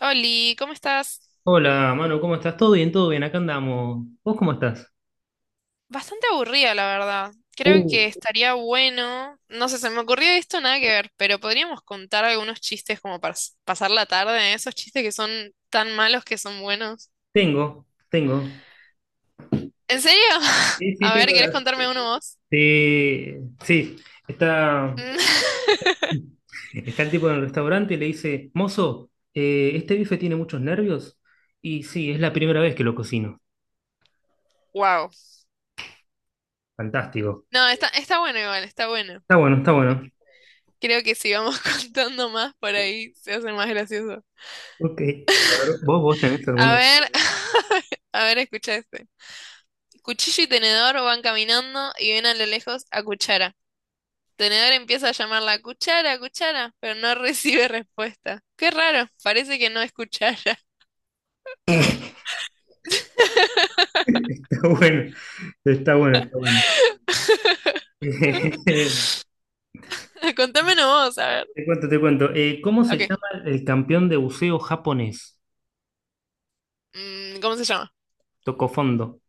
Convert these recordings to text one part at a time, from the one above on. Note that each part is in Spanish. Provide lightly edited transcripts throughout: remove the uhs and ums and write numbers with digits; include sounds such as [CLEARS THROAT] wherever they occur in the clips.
Oli, ¿cómo estás? Hola, Manu, ¿cómo estás? ¿Todo bien? ¿Todo bien? Acá andamos. ¿Vos cómo estás? Bastante aburrida, la verdad. Creo Uh, que estaría bueno. No sé, se me ocurrió esto, nada que ver, pero podríamos contar algunos chistes como para pasar la tarde, esos chistes que son tan malos que son buenos. tengo. ¿En serio? [LAUGHS] Sí, sí, A ver, tengo. ¿querés contarme uno vos? Sí, está, Mm, [LAUGHS] está el tipo en el restaurante y le dice, mozo, este bife tiene muchos nervios. Y sí, es la primera vez que lo cocino. wow. Fantástico. No, está bueno igual, está bueno. Está bueno, está bueno. Creo que si vamos [LAUGHS] contando más por ahí se hace más gracioso. Ok. A ver, ¿vos tenés A alguno? [LAUGHS] ver, [LAUGHS] a ver, escucha este. Cuchillo y tenedor van caminando y ven a lo lejos a cuchara. Tenedor empieza a llamarla cuchara, cuchara, pero no [LAUGHS] recibe respuesta. Qué raro, parece que no es cuchara. Está bueno, está bueno, está bueno. [LAUGHS] [LAUGHS] Contámelo vos, a ver. Te cuento, te cuento. ¿Cómo se Ok, llama el campeón de buceo japonés? mm, ¿cómo se llama? Tocó fondo.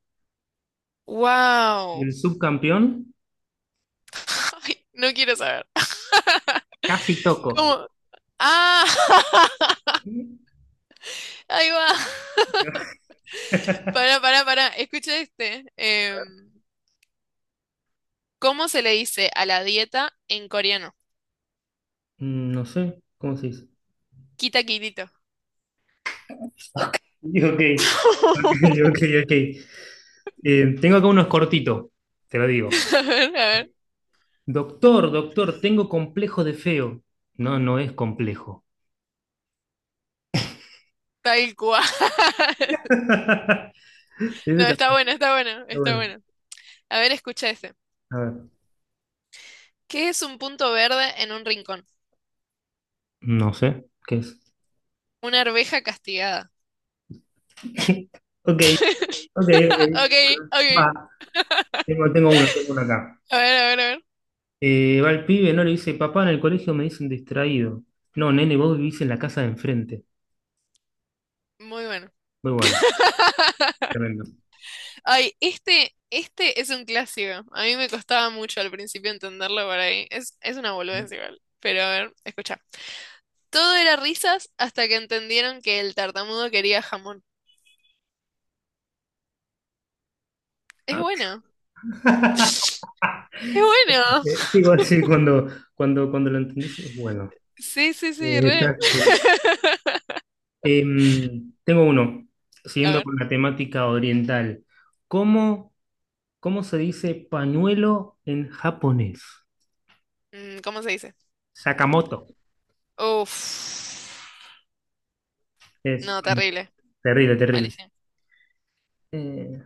Y Wow. el subcampeón, [LAUGHS] Ay, no quiero saber. casi toco. ¿Cómo? Ah, [LAUGHS] ahí va. [LAUGHS] [LAUGHS] Pará, pará, pará. Escucha este. ¿Cómo se le dice a la dieta en coreano? Mm, no sé, ¿cómo se dice? Quita quitito. Ok, [LAUGHS] ok, [LAUGHS] ok. Tengo acá unos cortitos, te lo digo. A ver, a ver. Doctor, doctor, tengo complejo de feo. No, no es complejo. Tal cual. [LAUGHS] [LAUGHS] Ese No, está está bueno, está bueno, está bueno. bueno. A ver, escucha ese. A ver. ¿Qué es un punto verde en un rincón? No sé, ¿qué es? Una arveja castigada. [LAUGHS] Ok, ok, ok. [LAUGHS] Ok, Bueno, ok. va. Tengo uno acá. A ver, a ver, a ver. Va el pibe, no le dice, papá, en el colegio me dicen distraído. No, nene, vos vivís en la casa de enfrente. Muy bueno. Muy bueno, [LAUGHS] tremendo. Ay, este es un clásico. A mí me costaba mucho al principio entenderlo por ahí. Es una boludez igual. Pero a ver, escucha. Todo era risas hasta que entendieron que el tartamudo quería jamón. Es bueno. Ah, [LAUGHS] [LAUGHS] Es bueno. Sí, bueno, sí, cuando lo entendés es bueno. Sí, sí, sí, re. Está bueno. [LAUGHS] Tengo uno, A siguiendo ver, con la temática oriental. ¿Cómo, ¿cómo se dice pañuelo en japonés? mm, ¿cómo se dice? Sakamoto. Uf. Es No, bueno, terrible. terrible, terrible. Malísimo. Eh,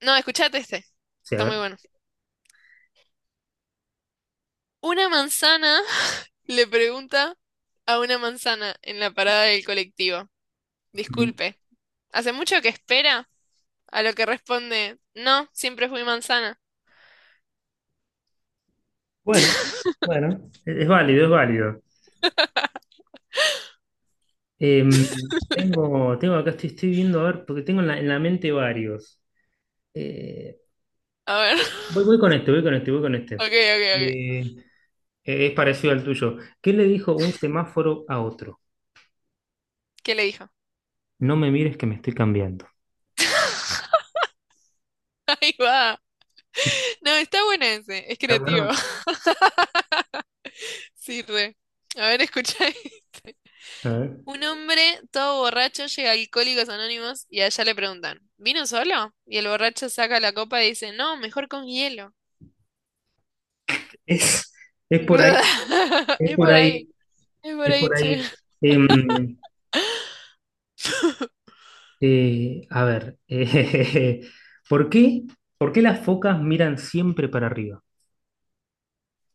No, escuchate este. sí, a Está muy ver. bueno. Una manzana [LAUGHS] le pregunta a una manzana en la parada del colectivo. Disculpe, ¿hace mucho que espera? A lo que responde, no, siempre fui manzana. Bueno, bueno, es válido, es válido. Tengo acá, estoy viendo, a ver, porque tengo en en la mente varios. Eh, A ver. [LAUGHS] Voy con este. Ok, ok, ok. Eh, es parecido al tuyo. ¿Qué le dijo un semáforo a otro? ¿Qué le dijo? No me mires que me estoy cambiando. [LAUGHS] Ahí va. No, está bueno ese. Es ¿Está bueno? creativo. [LAUGHS] Sí, re. A ver, escucha este. A ver. Un hombre todo borracho llega a Alcohólicos Anónimos y allá le preguntan, ¿vino solo? Y el borracho saca la copa y dice, no, mejor con hielo. Es, es por ahí, [LAUGHS] es Es por por ahí, ahí, es por es ahí, por che. ahí. Em, a ver, [LAUGHS] ¿por qué? ¿Por qué las focas miran siempre para arriba?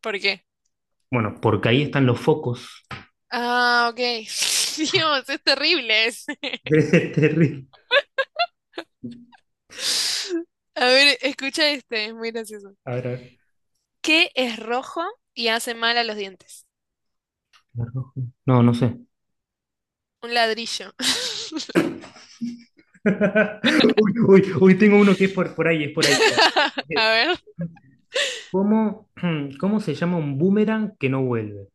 ¿Por qué? Bueno, porque ahí están los focos. Ah, ok. [LAUGHS] Dios, es terrible ese. [LAUGHS] Es terrible. [LAUGHS] A ver, escucha este, es muy gracioso. A ver, a ver. ¿Qué es rojo y hace mal a los dientes? [LAUGHS] Rojo. No, no sé. Un ladrillo. [LAUGHS] Uy, uy, uy, tengo uno que es por ahí, es por ahí. Mira. [LAUGHS] A Eh, ver. ¿Cómo, [CLEARS THROAT] ¿cómo se llama un boomerang que no vuelve?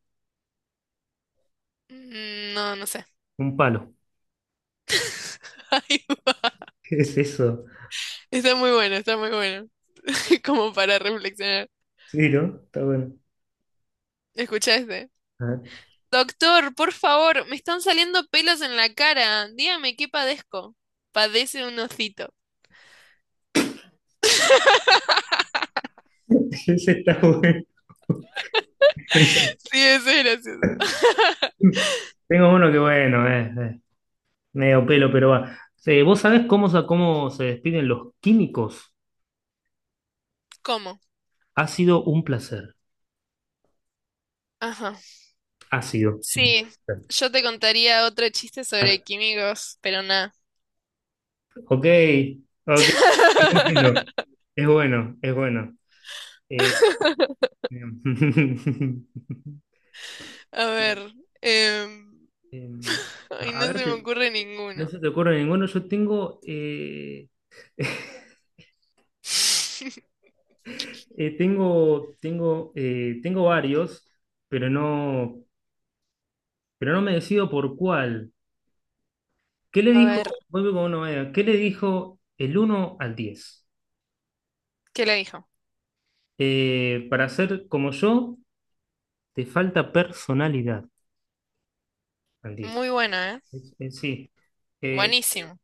Mm, no, no sé. Un palo. [LAUGHS] Ay, ¿Qué es eso? está muy bueno, está muy bueno. [LAUGHS] Como para reflexionar. Sí, ¿no? Está bueno. ¿Escuchaste? A ver. Doctor, por favor, me están saliendo pelos en la cara. Dígame qué padezco. Padece un hocito. [LAUGHS] Ese está bueno. [LAUGHS] Sí, eso es gracioso. Tengo uno que bueno, medio pelo, pero va. Sí, ¿vos sabés cómo, sa- ¿cómo se despiden los químicos? ¿Cómo? Ha sido un placer. Ajá. Ha sido. Sí, yo te contaría otro chiste sobre químicos, pero nada. Ok, ok, es bueno, [LAUGHS] es bueno, es bueno. Eh, em, [LAUGHS] A ver. em, em, [LAUGHS] ay, a no ver, se me ocurre no ninguno. se te ocurre ninguno. Yo tengo, [LAUGHS] tengo varios, pero pero no me decido por cuál. ¿Qué le A dijo? ver, Vuelvo con una manera. ¿Qué le dijo el uno al 10? ¿qué le dijo? Para ser como yo, te falta personalidad al 10. Muy bueno, ¿eh? Sí. Eh, Buenísimo.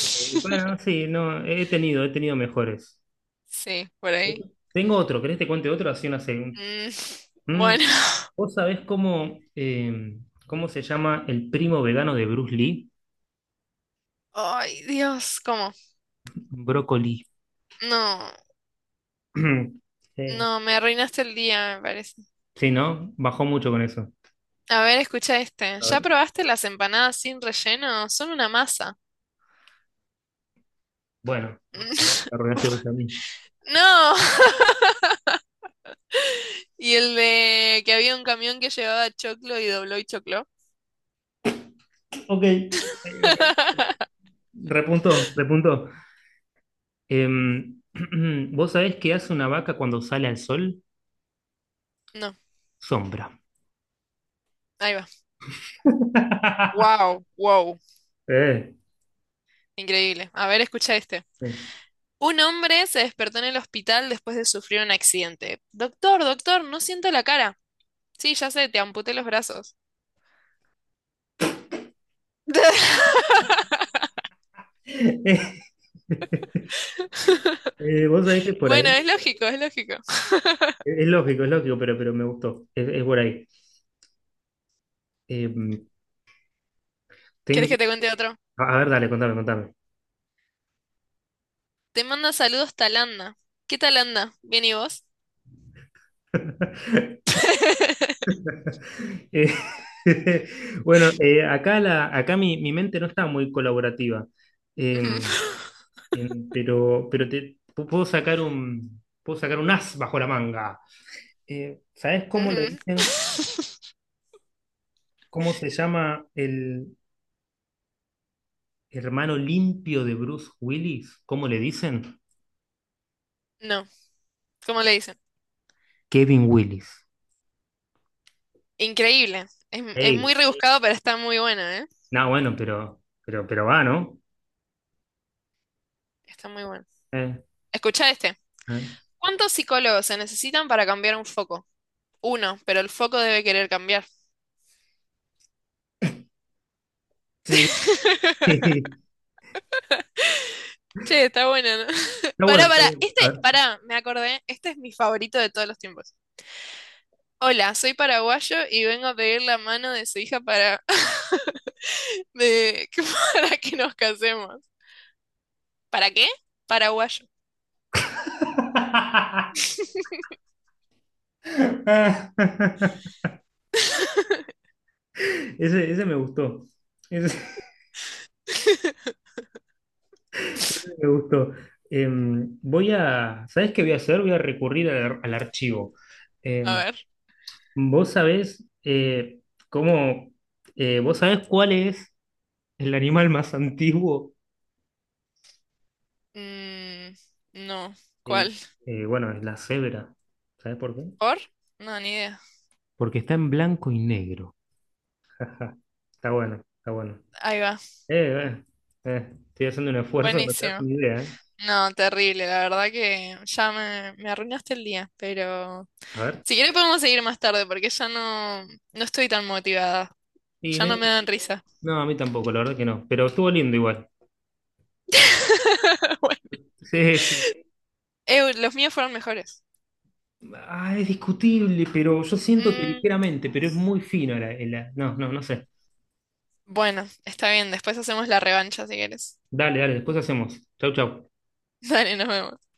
Bueno, sí, no, he tenido mejores. Sí, por ahí. Tengo otro, ¿querés te cuente otro? Así una segunda. Mm, Mm, bueno. ¿vos sabés cómo, eh, ¿cómo se llama el primo vegano de Bruce Lee? Ay, Dios, ¿cómo? Brócoli. No, [CLEARS THROAT] Sí, bueno. no, me arruinaste el día, me parece. Sí, ¿no? Bajó mucho con eso. A ver, escucha este. A ¿Ya ver. probaste las empanadas sin relleno? Son una masa. Bueno, ahora me [LAUGHS] arruinaste vos a mí. No. [LAUGHS] Y el de que había un camión que llevaba choclo y dobló y choclo. Ok, ok, ok. [LAUGHS] Repuntó, repuntó. Em, [CLEARS THROAT] ¿vos sabés qué hace una vaca cuando sale al sol? No, Sombra. ahí va. [LAUGHS] Wow, wow. Eh. Increíble. A ver, escucha este. Un hombre se despertó en el hospital después de sufrir un accidente. Doctor, doctor, no siento la cara. Sí, ya sé, te amputé los brazos. [LAUGHS] [LAUGHS] Vos sabés que es por Bueno, ahí, es lógico, es lógico. Es lógico, pero me gustó, es por ahí. Eh, ¿Quieres que te tengo, cuente otro? a ver, dale, contame, contame. Te manda saludos Talanda. ¿Qué Talanda? ¿Bien y vos? [LAUGHS] [LAUGHS] Eh, [LAUGHS] bueno, acá mi mente no está muy colaborativa. Eh, Ujú. Pero puedo sacar un as bajo la manga. ¿Sabés cómo le Ujú. dicen, ¿cómo se llama el hermano limpio de Bruce Willis? ¿Cómo le dicen? No, ¿cómo le dicen? Kevin Willis. Increíble. Es muy rebuscado, pero está muy buena, ¿eh? No, bueno, pero va, ¿no? Está muy buena. Eh, Escucha este. eh, ¿Cuántos psicólogos se necesitan para cambiar un foco? Uno, pero el foco debe querer cambiar. Sí. [LAUGHS] Che, está buena, ¿no? [LAUGHS] Está bueno, Pará, está pará. bueno. A Este, ver. pará, me acordé. Este es mi favorito de todos los tiempos. Hola, soy paraguayo y vengo a pedir la mano de su hija para... [LAUGHS] de que [LAUGHS] para que nos casemos. ¿Para qué? Paraguayo. [LAUGHS] [LAUGHS] Ese me gustó. Ese [LAUGHS] me gustó. ¿Sabes qué voy a hacer? Voy a recurrir al archivo. A Em, ver. vos sabés eh, cómo, vos sabés cuál es el animal más antiguo. Mm, no. Eh, ¿Cuál? Bueno, es la cebra. ¿Sabés por qué? ¿Por? No, ni idea. Porque está en blanco y negro. Ajá. Está bueno, está bueno. Ahí va. Eh, eh, estoy haciendo un esfuerzo, no te das Buenísimo. una idea, ¿eh? No, terrible. La verdad que ya me arruinaste el día. Pero A ver. si quieres podemos seguir más tarde porque ya no estoy tan motivada. Y Ya no me me- dan risa. no, a mí tampoco, la verdad que no. Pero estuvo lindo igual. [LAUGHS] Bueno. Sí, sí. Los míos fueron mejores. Ah, es discutible, pero yo siento que Mm, ligeramente, pero es muy fino no, no, no sé. bueno, está bien. Después hacemos la revancha si quieres. Dale, dale, después hacemos. Chau, chau. [LAUGHS] Dale, nos vemos.